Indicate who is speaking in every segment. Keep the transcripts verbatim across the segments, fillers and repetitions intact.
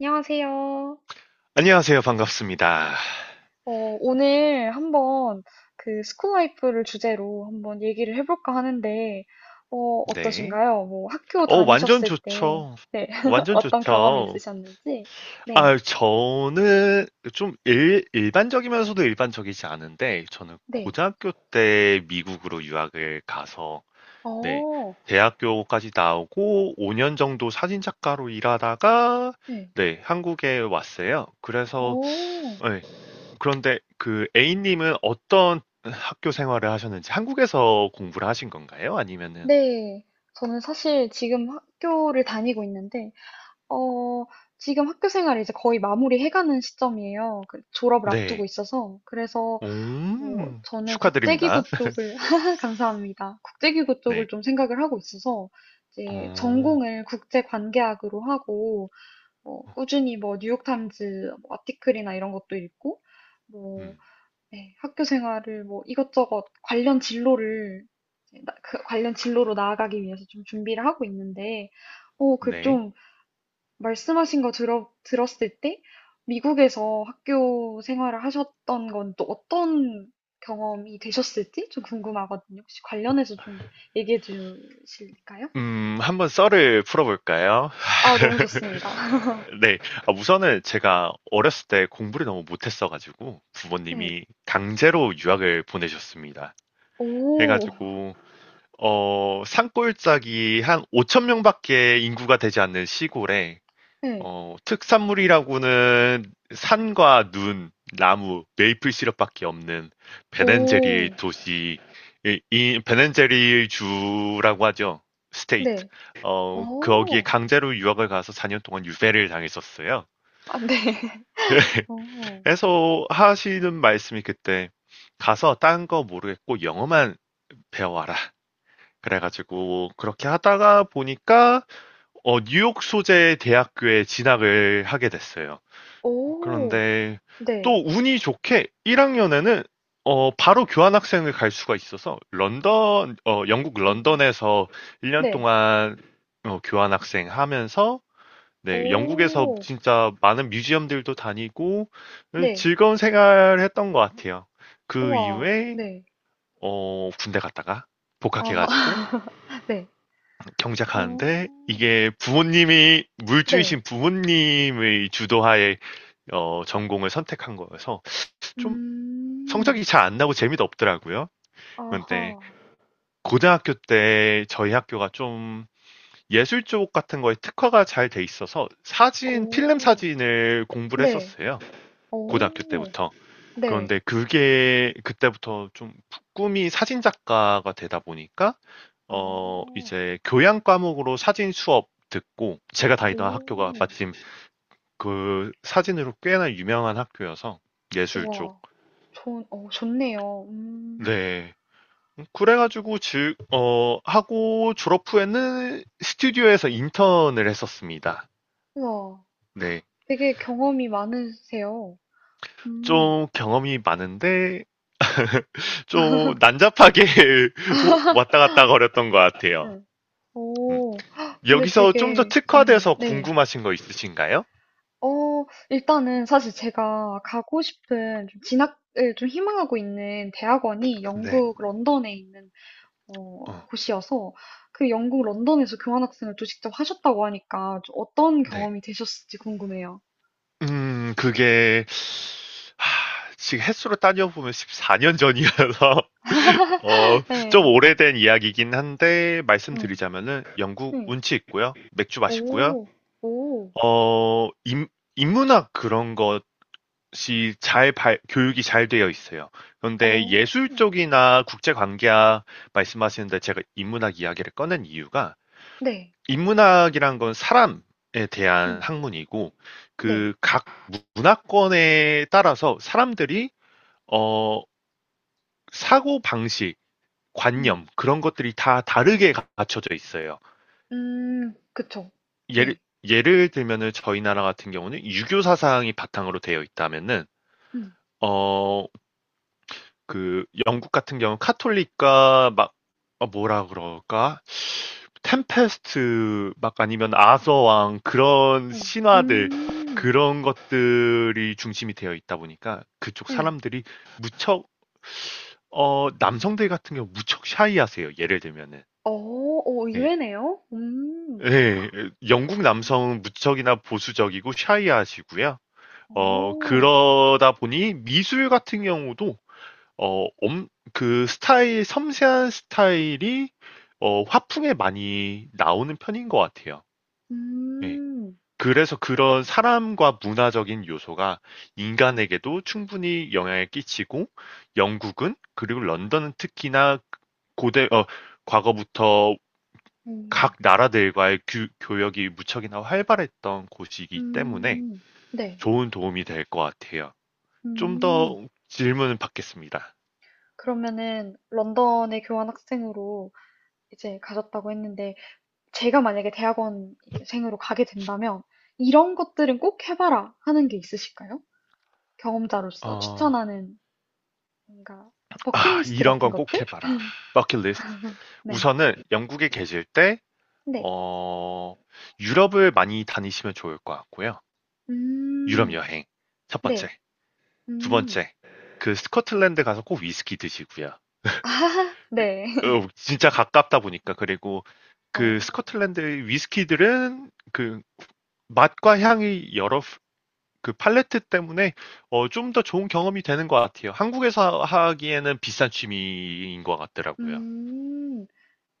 Speaker 1: 안녕하세요.
Speaker 2: 안녕하세요. 반갑습니다.
Speaker 1: 어, 오늘 한번 그 스쿨라이프를 주제로 한번 얘기를 해볼까 하는데, 어,
Speaker 2: 네.
Speaker 1: 어떠신가요? 뭐 학교
Speaker 2: 어, 완전
Speaker 1: 다니셨을 때,
Speaker 2: 좋죠.
Speaker 1: 네.
Speaker 2: 완전
Speaker 1: 어떤 경험이
Speaker 2: 좋죠.
Speaker 1: 있으셨는지, 네,
Speaker 2: 아, 저는 좀 일, 일반적이면서도 일반적이지 않은데, 저는
Speaker 1: 네,
Speaker 2: 고등학교 때 미국으로 유학을 가서, 네.
Speaker 1: 어,
Speaker 2: 대학교까지 나오고 오 년 정도 사진작가로 일하다가,
Speaker 1: 네,
Speaker 2: 네, 한국에 왔어요. 그래서,
Speaker 1: 어,
Speaker 2: 네, 그런데 그 A님은 어떤 학교 생활을 하셨는지 한국에서 공부를 하신 건가요? 아니면은,
Speaker 1: 네. 저는 사실 지금 학교를 다니고 있는데, 어, 지금 학교 생활을 이제 거의 마무리해가는 시점이에요. 그 졸업을 앞두고
Speaker 2: 네.
Speaker 1: 있어서. 그래서 뭐,
Speaker 2: 오.
Speaker 1: 저는
Speaker 2: 축하드립니다.
Speaker 1: 국제기구 쪽을, 감사합니다. 국제기구 쪽을
Speaker 2: 네.
Speaker 1: 좀 생각을 하고 있어서, 이제
Speaker 2: 어.
Speaker 1: 전공을 국제관계학으로 하고, 뭐, 꾸준히 뭐, 뉴욕타임즈 뭐 아티클이나 이런 것도 읽고, 뭐,
Speaker 2: 음.
Speaker 1: 네, 학교 생활을 뭐, 이것저것 관련 진로를, 이제 나- 그 관련 진로로 나아가기 위해서 좀 준비를 하고 있는데, 어, 그
Speaker 2: 네.
Speaker 1: 좀 말씀하신 거 들어, 들었을 때 미국에서 학교 생활을 하셨던 건 또 어떤 경험이 되셨을지 좀 궁금하거든요. 혹시 관련해서 좀 얘기해 주실까요?
Speaker 2: 음 한번 썰을 풀어 볼까요?
Speaker 1: 아, 너무 좋습니다.
Speaker 2: 네. 아 우선은 제가 어렸을 때 공부를 너무 못했어 가지고
Speaker 1: 네.
Speaker 2: 부모님이 강제로 유학을 보내셨습니다. 해
Speaker 1: 오,
Speaker 2: 가지고 어 산골짜기 한오천 명밖에 인구가 되지 않는 시골에
Speaker 1: 네.
Speaker 2: 어, 특산물이라고는 산과 눈, 나무, 메이플 시럽밖에 없는 베넨제리
Speaker 1: 오,
Speaker 2: 도시, 이, 이 베넨제리 주라고 하죠. 스테이트.
Speaker 1: 네.
Speaker 2: 어, 거기에
Speaker 1: 오,
Speaker 2: 강제로 유학을 가서 사 년 동안 유배를 당했었어요.
Speaker 1: 아, 네. 오,
Speaker 2: 그래서 하시는 말씀이 그때 가서 딴 거 모르겠고 영어만 배워와라. 그래가지고 그렇게 하다가 보니까 어, 뉴욕 소재 대학교에 진학을 하게 됐어요.
Speaker 1: 오,
Speaker 2: 그런데 또
Speaker 1: 네.
Speaker 2: 운이 좋게 일 학년에는 바로 교환학생을 갈 수가 있어서 런던, 어, 영국
Speaker 1: 오,
Speaker 2: 런던에서 일 년
Speaker 1: 네.
Speaker 2: 동안 어, 교환학생 하면서 네, 영국에서
Speaker 1: 오,
Speaker 2: 진짜 많은 뮤지엄들도 다니고 어,
Speaker 1: 네.
Speaker 2: 즐거운 생활을 했던 것 같아요. 그
Speaker 1: 우와,
Speaker 2: 이후에
Speaker 1: 네.
Speaker 2: 어, 군대 갔다가 복학해가지고
Speaker 1: 아, 네. 오,
Speaker 2: 경작하는데 이게 부모님이
Speaker 1: 네.
Speaker 2: 물주이신 부모님의 주도하에 어, 전공을 선택한 거여서 좀
Speaker 1: 음.
Speaker 2: 성적이 잘 안 나고 재미도 없더라고요. 근데
Speaker 1: 아하.
Speaker 2: 고등학교 때 저희 학교가 좀 예술 쪽 같은 거에 특화가 잘 돼 있어서 사진, 필름
Speaker 1: 오.
Speaker 2: 사진을 공부를
Speaker 1: 네.
Speaker 2: 했었어요. 고등학교
Speaker 1: 오.
Speaker 2: 때부터.
Speaker 1: 네.
Speaker 2: 그런데 그게 그때부터 좀 꿈이 사진 작가가 되다 보니까
Speaker 1: 아.
Speaker 2: 어 이제 교양 과목으로 사진 수업 듣고 제가 다니던 학교가
Speaker 1: 오.
Speaker 2: 마침 그 사진으로 꽤나 유명한 학교여서 예술 쪽.
Speaker 1: 와, 좋은 어 좋네요. 음.
Speaker 2: 네. 음, 그래가지고 즉, 어, 하고 졸업 후에는 스튜디오에서 인턴을 했었습니다.
Speaker 1: 와,
Speaker 2: 네.
Speaker 1: 되게 경험이 많으세요. 음.
Speaker 2: 좀 경험이 많은데, 좀 난잡하게 오- 왔다 갔다 거렸던 것 같아요.
Speaker 1: 네.
Speaker 2: 음.
Speaker 1: 오. 헉, 근데
Speaker 2: 여기서 좀 더
Speaker 1: 되게 재밌네요.
Speaker 2: 특화돼서
Speaker 1: 네.
Speaker 2: 궁금하신 거 있으신가요?
Speaker 1: 어 일단은 사실 제가 가고 싶은 좀 진학을 좀 희망하고 있는 대학원이
Speaker 2: 네.
Speaker 1: 영국 런던에 있는 어,
Speaker 2: 어,
Speaker 1: 곳이어서 그 영국 런던에서 교환학생을 또 직접 하셨다고 하니까 좀 어떤
Speaker 2: 네.
Speaker 1: 경험이 되셨을지 궁금해요.
Speaker 2: 음, 그게, 하, 지금 횟수로 따져보면 십사 년 전이라서, 어, 좀
Speaker 1: 네,
Speaker 2: 오래된 이야기긴 한데
Speaker 1: 음,
Speaker 2: 말씀드리자면은 영국
Speaker 1: 음,
Speaker 2: 운치 있고요. 맥주 맛있고요.
Speaker 1: 오, 오,
Speaker 2: 어, 인, 인문학 그런 것이 잘 발- 교육이 잘 되어 있어요. 그런데
Speaker 1: 어,
Speaker 2: 예술 쪽이나 국제 관계학 말씀하시는데 제가 인문학 이야기를 꺼낸 이유가
Speaker 1: 네,
Speaker 2: 인문학이란 건 사람에 대한
Speaker 1: 음,
Speaker 2: 학문이고
Speaker 1: 네,
Speaker 2: 그 각 문화권에 따라서 사람들이 어, 사고 방식
Speaker 1: 음,
Speaker 2: 관념 그런 것들이 다 다르게 갖춰져 있어요.
Speaker 1: 음, 그쵸,
Speaker 2: 예를
Speaker 1: 네,
Speaker 2: 예를 들면은 저희 나라 같은 경우는 유교 사상이 바탕으로 되어 있다면은
Speaker 1: 음,
Speaker 2: 어 그 영국 같은 경우 카톨릭과 막 어, 뭐라 그럴까? 템페스트 막
Speaker 1: 어,
Speaker 2: 아니면 아서왕 그런 신화들
Speaker 1: 음, 음,
Speaker 2: 그런 것들이 중심이 되어 있다 보니까 그쪽
Speaker 1: 네,
Speaker 2: 사람들이 무척 어 남성들 같은 경우 무척 샤이하세요. 예를 들면은
Speaker 1: 어, 오,
Speaker 2: 예.
Speaker 1: 의외네요. 음,
Speaker 2: 예, 영국
Speaker 1: 어,
Speaker 2: 남성은 무척이나 보수적이고 샤이하시고요. 어,
Speaker 1: 어,
Speaker 2: 그러다 보니 미술 같은 경우도 어, 엄, 그 스타일, 섬세한 스타일이 어, 화풍에 많이 나오는 편인 것 같아요. 예.
Speaker 1: 음,
Speaker 2: 그래서 그런 사람과 문화적인 요소가
Speaker 1: 네,
Speaker 2: 인간에게도 충분히 영향을 끼치고 영국은 그리고 런던은 특히나 고대, 어, 과거부터 각
Speaker 1: 음,
Speaker 2: 나라들과의 규- 교역이 무척이나 활발했던 곳이기 때문에
Speaker 1: 음, 네,
Speaker 2: 좋은 도움이 될 것 같아요. 좀
Speaker 1: 음.
Speaker 2: 더 질문 을 받겠습니다.
Speaker 1: 그러면은 런던에 교환 학생으로 이제 가셨다고 했는데 제가 만약에 대학원 이제 생으로 가게 된다면 이런 것들은 꼭 해봐라 하는 게 있으실까요? 경험자로서
Speaker 2: 어,
Speaker 1: 추천하는 뭔가
Speaker 2: 아,
Speaker 1: 버킷리스트
Speaker 2: 이런
Speaker 1: 같은
Speaker 2: 건 꼭
Speaker 1: 것들?
Speaker 2: 해봐라. 버킷리스트.
Speaker 1: 네.
Speaker 2: 우선은 영국에 계실 때,
Speaker 1: 네.
Speaker 2: 어, 유럽을 많이 다니시면 좋을 것 같고요. 유럽
Speaker 1: 음.
Speaker 2: 여행. 첫
Speaker 1: 네.
Speaker 2: 번째. 두
Speaker 1: 음.
Speaker 2: 번째. 그 스코틀랜드 가서 꼭 위스키 드시고요.
Speaker 1: 아하. 네.
Speaker 2: 어, 진짜 가깝다 보니까. 그리고
Speaker 1: 어.
Speaker 2: 그 스코틀랜드 위스키들은 그 맛과 향이 여러 그 팔레트 때문에 어, 좀 더 좋은 경험이 되는 것 같아요. 한국에서 하기에는 비싼 취미인 것 같더라고요.
Speaker 1: 음.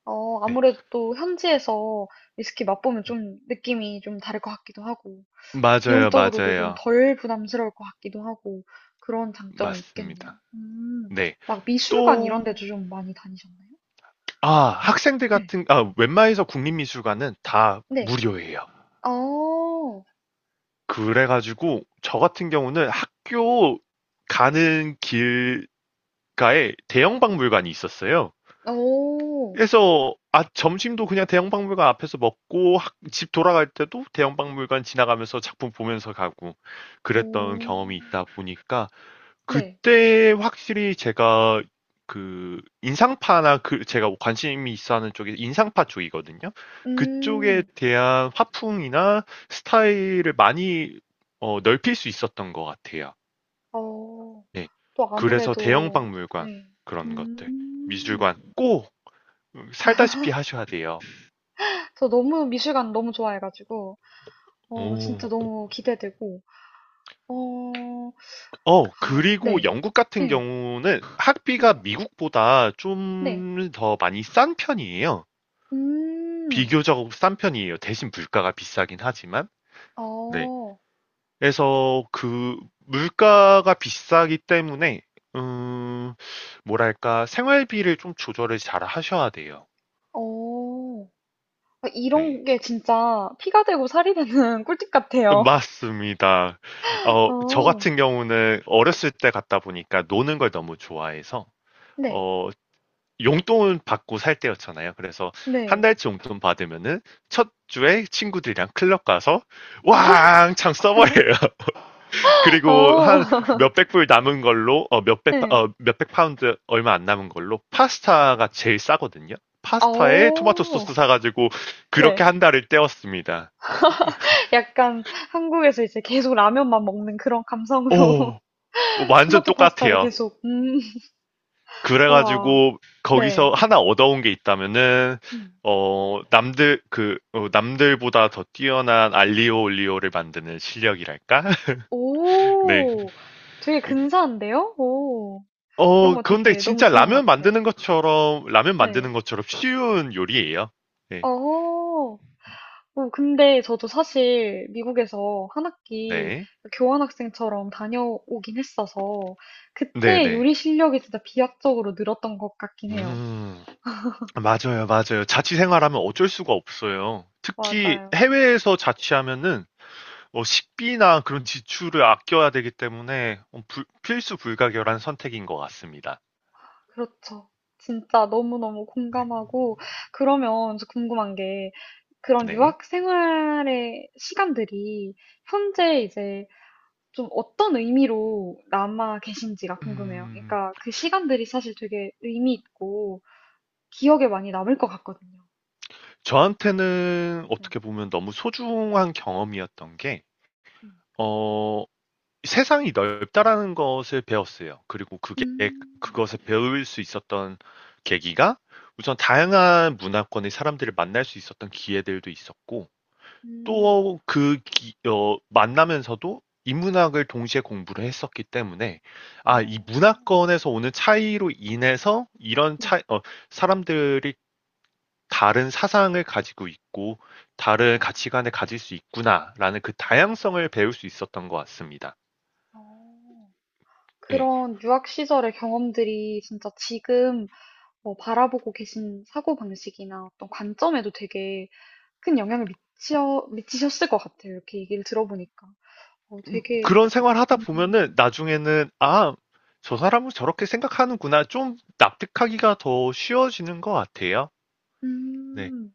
Speaker 1: 어,
Speaker 2: 네.
Speaker 1: 아무래도 또 현지에서 위스키 맛보면
Speaker 2: 음,
Speaker 1: 좀 느낌이 좀 다를 것 같기도 하고.
Speaker 2: 맞아요,
Speaker 1: 비용적으로도 좀
Speaker 2: 맞아요.
Speaker 1: 덜 부담스러울 것 같기도 하고 그런 장점이 있겠네요.
Speaker 2: 맞습니다.
Speaker 1: 음.
Speaker 2: 네.
Speaker 1: 막 미술관 이런
Speaker 2: 또,
Speaker 1: 데도 좀 많이 다니셨나요?
Speaker 2: 아, 학생들
Speaker 1: 네.
Speaker 2: 같은, 아, 웬만해서 국립미술관은 다
Speaker 1: 네.
Speaker 2: 무료예요.
Speaker 1: 어,
Speaker 2: 그래가지고, 저 같은 경우는 학교 가는 길가에 대형 박물관이 있었어요.
Speaker 1: 어,
Speaker 2: 그래서 아 점심도 그냥 대형박물관 앞에서 먹고 학- 집 돌아갈 때도 대형박물관 지나가면서 작품 보면서 가고
Speaker 1: 어,
Speaker 2: 그랬던 경험이 있다 보니까
Speaker 1: 네.
Speaker 2: 그때 확실히 제가 그 인상파나 그 제가 관심이 있어 하는 쪽이 인상파 쪽이거든요. 그쪽에
Speaker 1: 음,
Speaker 2: 대한 화풍이나 스타일을 많이 어, 넓힐 수 있었던 것 같아요.
Speaker 1: 어,
Speaker 2: 네.
Speaker 1: 또
Speaker 2: 그래서
Speaker 1: 아무래도,
Speaker 2: 대형박물관
Speaker 1: 네.
Speaker 2: 그런 것들
Speaker 1: 음.
Speaker 2: 미술관 꼭 살다시피 하셔야 돼요.
Speaker 1: 저 너무 미술관 너무 좋아해가지고, 어,
Speaker 2: 오.
Speaker 1: 진짜 너무 기대되고, 어,
Speaker 2: 어,
Speaker 1: 아,
Speaker 2: 그리고
Speaker 1: 네.
Speaker 2: 영국 같은
Speaker 1: 네.
Speaker 2: 경우는 학비가
Speaker 1: 네.
Speaker 2: 미국보다 좀
Speaker 1: 네.
Speaker 2: 더 많이 싼 편이에요.
Speaker 1: 음,
Speaker 2: 비교적 싼 편이에요. 대신 물가가 비싸긴 하지만. 네.
Speaker 1: 어.
Speaker 2: 그래서 그 물가가 비싸기 때문에 음, 뭐랄까 생활비를 좀 조절을 잘 하셔야 돼요.
Speaker 1: 어. 아, 이런
Speaker 2: 네.
Speaker 1: 게 진짜 피가 되고 살이 되는 꿀팁 같아요.
Speaker 2: 맞습니다. 어, 저
Speaker 1: 어.
Speaker 2: 같은 경우는 어렸을 때 갔다 보니까 노는 걸 너무 좋아해서
Speaker 1: 네.
Speaker 2: 어, 용돈 받고 살 때였잖아요. 그래서 한
Speaker 1: 네.
Speaker 2: 달치 용돈 받으면은 첫 주에 친구들이랑 클럽 가서 왕창 써버려요. 그리고
Speaker 1: 어.
Speaker 2: 한 몇백 불 남은 걸로 어, 몇백 파-
Speaker 1: 네.
Speaker 2: 어, 몇백 파운드 얼마 안 남은 걸로 파스타가 제일 싸거든요. 파스타에 토마토
Speaker 1: 어.
Speaker 2: 소스 사가지고 그렇게
Speaker 1: 네.
Speaker 2: 한 달을 때웠습니다.
Speaker 1: 약간 한국에서 이제 계속 라면만 먹는 그런 감성으로
Speaker 2: 오, 완전
Speaker 1: 토마토 파스타를
Speaker 2: 똑같아요.
Speaker 1: 계속 음. 우와.
Speaker 2: 그래가지고 거기서
Speaker 1: 네.
Speaker 2: 하나 얻어온 게 있다면은
Speaker 1: 음.
Speaker 2: 어 남들 그 어, 남들보다 더 뛰어난 알리오 올리오를 만드는 실력이랄까. 네.
Speaker 1: 오. 되게 근사한데요? 오. 그런
Speaker 2: 어
Speaker 1: 거
Speaker 2: 그런데
Speaker 1: 되게 너무
Speaker 2: 진짜
Speaker 1: 좋은 것
Speaker 2: 라면
Speaker 1: 같아요.
Speaker 2: 만드는 것처럼 라면
Speaker 1: 네.
Speaker 2: 만드는 것처럼 쉬운 요리예요. 네.
Speaker 1: 어. 어, 근데 저도 사실 미국에서 한 학기
Speaker 2: 네.
Speaker 1: 교환학생처럼 다녀오긴 했어서 그때
Speaker 2: 네네.
Speaker 1: 요리 실력이 진짜 비약적으로 늘었던 것 같긴 해요.
Speaker 2: 음 맞아요, 맞아요. 자취 생활하면 어쩔 수가 없어요. 특히
Speaker 1: 맞아요.
Speaker 2: 해외에서 자취하면은 어, 식비나 그런 지출을 아껴야 되기 때문에 어, 불- 필수 불가결한 선택인 것 같습니다.
Speaker 1: 그렇죠. 진짜 너무너무
Speaker 2: 네.
Speaker 1: 공감하고 그러면 저 궁금한 게 그런
Speaker 2: 네.
Speaker 1: 유학 생활의 시간들이 현재 이제 좀 어떤 의미로 남아 계신지가 궁금해요.
Speaker 2: 음,
Speaker 1: 그러니까 그 시간들이 사실 되게 의미 있고 기억에 많이 남을 것 같거든요.
Speaker 2: 저한테는
Speaker 1: 네.
Speaker 2: 어떻게 보면 너무 소중한 경험이었던 게,
Speaker 1: 음.
Speaker 2: 어, 세상이 넓다라는 것을 배웠어요. 그리고 그게,
Speaker 1: 음.
Speaker 2: 그것을 배울 수 있었던 계기가 우선 다양한 문화권의 사람들을 만날 수 있었던 기회들도 있었고,
Speaker 1: 음.
Speaker 2: 또 그 어 만나면서도 인문학을 동시에 공부를 했었기 때문에 아 이
Speaker 1: 어.
Speaker 2: 문화권에서 오는 차이로 인해서 이런
Speaker 1: 네.
Speaker 2: 차이 어 사람들이 다른 사상을 가지고 있고 다른
Speaker 1: 음.
Speaker 2: 가치관을 가질 수 있구나라는 그 다양성을 배울 수 있었던 것 같습니다.
Speaker 1: 어.
Speaker 2: 예.
Speaker 1: 그런 유학 시절의 경험들이 진짜 지금 뭐 바라보고 계신 사고방식이나 어떤 관점에도 되게 큰 영향을 미치어 미치셨을 것 같아요. 이렇게 얘기를 들어보니까. 어 되게
Speaker 2: 그런 생활하다
Speaker 1: 음.
Speaker 2: 보면은 나중에는 '아, 저 사람은 저렇게 생각하는구나.' 좀 납득하기가 더 쉬워지는 것 같아요. 네.
Speaker 1: 음.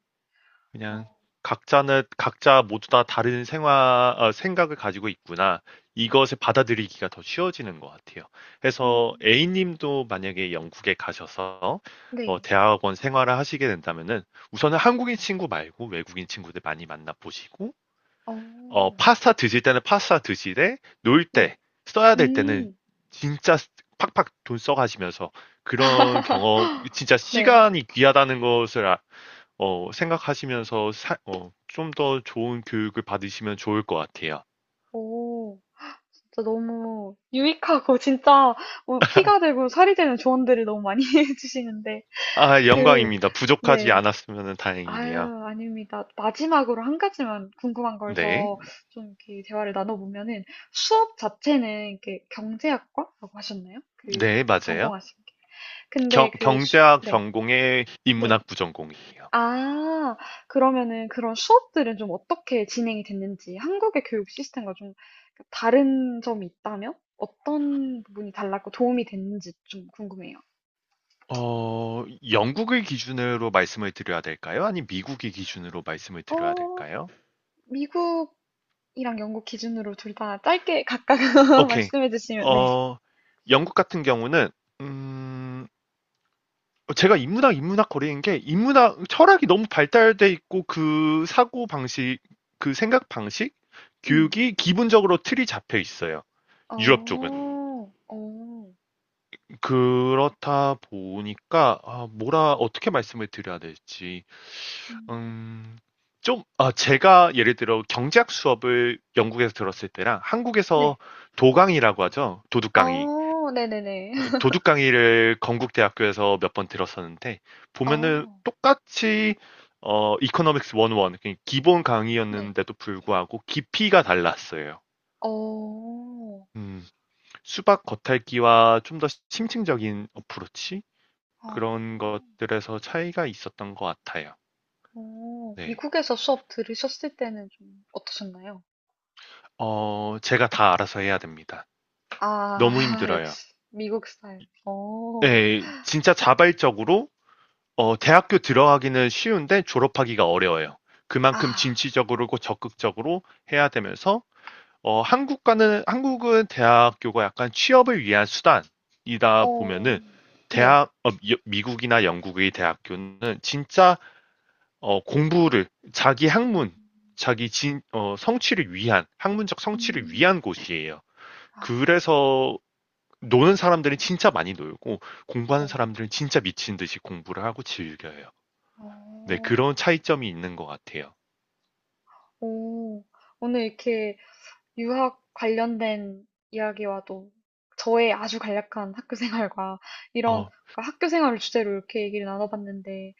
Speaker 2: 그냥
Speaker 1: 어.
Speaker 2: 각자는 각자 모두 다 다른 생화, 어, 생각을 가지고 있구나. 이것을 받아들이기가 더 쉬워지는 것 같아요. 그래서
Speaker 1: 음.
Speaker 2: A님도 만약에 영국에 가셔서 어,
Speaker 1: 네.
Speaker 2: 대학원 생활을 하시게 된다면은 우선은 한국인 친구 말고 외국인 친구들 많이 만나보시고
Speaker 1: 어.
Speaker 2: 어, 파스타 드실 때는 파스타 드시되 놀
Speaker 1: 네.
Speaker 2: 때 써야 될 때는
Speaker 1: 음.
Speaker 2: 진짜 팍팍 돈 써가시면서 그런 경험 진짜
Speaker 1: 네.
Speaker 2: 시간이 귀하다는 것을 아, 어, 생각하시면서 사, 어, 좀 더 좋은 교육을 받으시면 좋을 것 같아요.
Speaker 1: 어. 진짜 너무 유익하고 진짜 뭐 피가 되고 살이 되는 조언들을 너무 많이 해주시는데
Speaker 2: 아,
Speaker 1: 그
Speaker 2: 영광입니다. 부족하지
Speaker 1: 네.
Speaker 2: 않았으면 다행이네요.
Speaker 1: 아유, 아닙니다. 마지막으로 한 가지만 궁금한 걸
Speaker 2: 네.
Speaker 1: 더 좀 이렇게 대화를 나눠보면은 수업 자체는 이렇게 경제학과라고 하셨나요? 그
Speaker 2: 네, 맞아요.
Speaker 1: 전공하신 게.
Speaker 2: 경,
Speaker 1: 근데 그 수,
Speaker 2: 경제학
Speaker 1: 네.
Speaker 2: 전공의
Speaker 1: 네.
Speaker 2: 인문학 부전공이에요.
Speaker 1: 아. 그러면은 그런 수업들은 좀 어떻게 진행이 됐는지 한국의 교육 시스템과 좀 그 다른 점이 있다면 어떤 부분이 달랐고 도움이 됐는지 좀 궁금해요.
Speaker 2: 어, 영국을 기준으로 말씀을 드려야 될까요? 아니, 미국의 기준으로 말씀을 드려야
Speaker 1: 어
Speaker 2: 될까요?
Speaker 1: 미국이랑 영국 기준으로 둘 다 짧게 각각
Speaker 2: 오케이.
Speaker 1: 말씀해 주시면 네.
Speaker 2: 어, 영국 같은 경우는, 음, 어, 제가 인문학, 인문학 거리인 게 인문학 철학이 너무 발달돼 있고 그 사고 방식, 그 생각 방식,
Speaker 1: 음.
Speaker 2: 교육이 기본적으로 틀이 잡혀 있어요.
Speaker 1: 어.
Speaker 2: 유럽 쪽은.
Speaker 1: 어.
Speaker 2: 그렇다 보니까 아, 뭐라 어떻게 말씀을 드려야 될지.
Speaker 1: 음.
Speaker 2: 음, 좀 아, 제가 예를 들어 경제학 수업을 영국에서 들었을 때랑
Speaker 1: 네.
Speaker 2: 한국에서 도강이라고 하죠. 도둑강의.
Speaker 1: 어. 네네네.
Speaker 2: 도둑 강의를 건국대학교에서 몇 번 들었었는데 보면은
Speaker 1: 어.
Speaker 2: 똑같이 어 이코노믹스 일공일 그러니까 기본
Speaker 1: 네.
Speaker 2: 강의였는데도 불구하고 깊이가 달랐어요.
Speaker 1: 어.
Speaker 2: 음, 수박 겉핥기와 좀 더 심층적인 어프로치
Speaker 1: 어.
Speaker 2: 그런 것들에서 차이가 있었던 것 같아요.
Speaker 1: 어,
Speaker 2: 네.
Speaker 1: 미국에서 수업 들으셨을 때는 좀 어떠셨나요?
Speaker 2: 어, 제가 다 알아서 해야 됩니다.
Speaker 1: 아,
Speaker 2: 너무 힘들어요.
Speaker 1: 역시 미국 스타일. 어,
Speaker 2: 네, 진짜 자발적으로 어 대학교 들어가기는 쉬운데 졸업하기가 어려워요. 그만큼
Speaker 1: 아,
Speaker 2: 진취적으로 적극적으로 해야 되면서 어 한국과는 한국은 대학교가 약간 취업을 위한 수단이다 보면은
Speaker 1: 어, 네.
Speaker 2: 대학 어, 미- 미국이나 영국의 대학교는 진짜 어 공부를 자기 학문 자기 진, 어, 성취를 위한 학문적 성취를
Speaker 1: 음,
Speaker 2: 위한 곳이에요.
Speaker 1: 아,
Speaker 2: 그래서 노는 사람들은 진짜 많이 놀고
Speaker 1: 어,
Speaker 2: 공부하는 사람들은 진짜 미친 듯이 공부를 하고 즐겨요. 네,
Speaker 1: 어,
Speaker 2: 그런 차이점이 있는 것 같아요.
Speaker 1: 오, 오늘 이렇게 유학 관련된 이야기와도 저의 아주 간략한 학교 생활과 이런
Speaker 2: 어,
Speaker 1: 그러니까 학교 생활을 주제로 이렇게 얘기를 나눠봤는데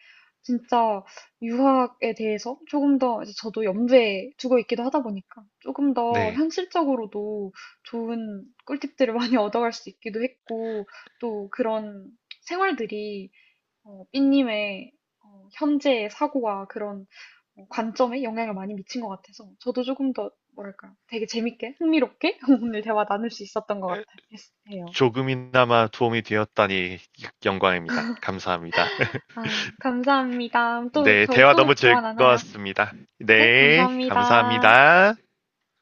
Speaker 1: 진짜 유학에 대해서 조금 더 이제 저도 염두에 두고 있기도 하다 보니까 조금 더
Speaker 2: 네.
Speaker 1: 현실적으로도 좋은 꿀팁들을 많이 얻어갈 수 있기도 했고 또 그런 생활들이 어, 삐님의 어, 현재의 사고와 그런 어, 관점에 영향을 많이 미친 것 같아서 저도 조금 더 뭐랄까 되게 재밌게 흥미롭게 오늘 대화 나눌 수 있었던 것
Speaker 2: 에,
Speaker 1: 같아요.
Speaker 2: 조금이나마 도움이 되었다니 영광입니다. 감사합니다.
Speaker 1: 아, 감사합니다. 또
Speaker 2: 네,
Speaker 1: 저희
Speaker 2: 대화
Speaker 1: 또
Speaker 2: 너무
Speaker 1: 대화 나눠요.
Speaker 2: 즐거웠습니다.
Speaker 1: 네,
Speaker 2: 네,
Speaker 1: 감사합니다.
Speaker 2: 감사합니다.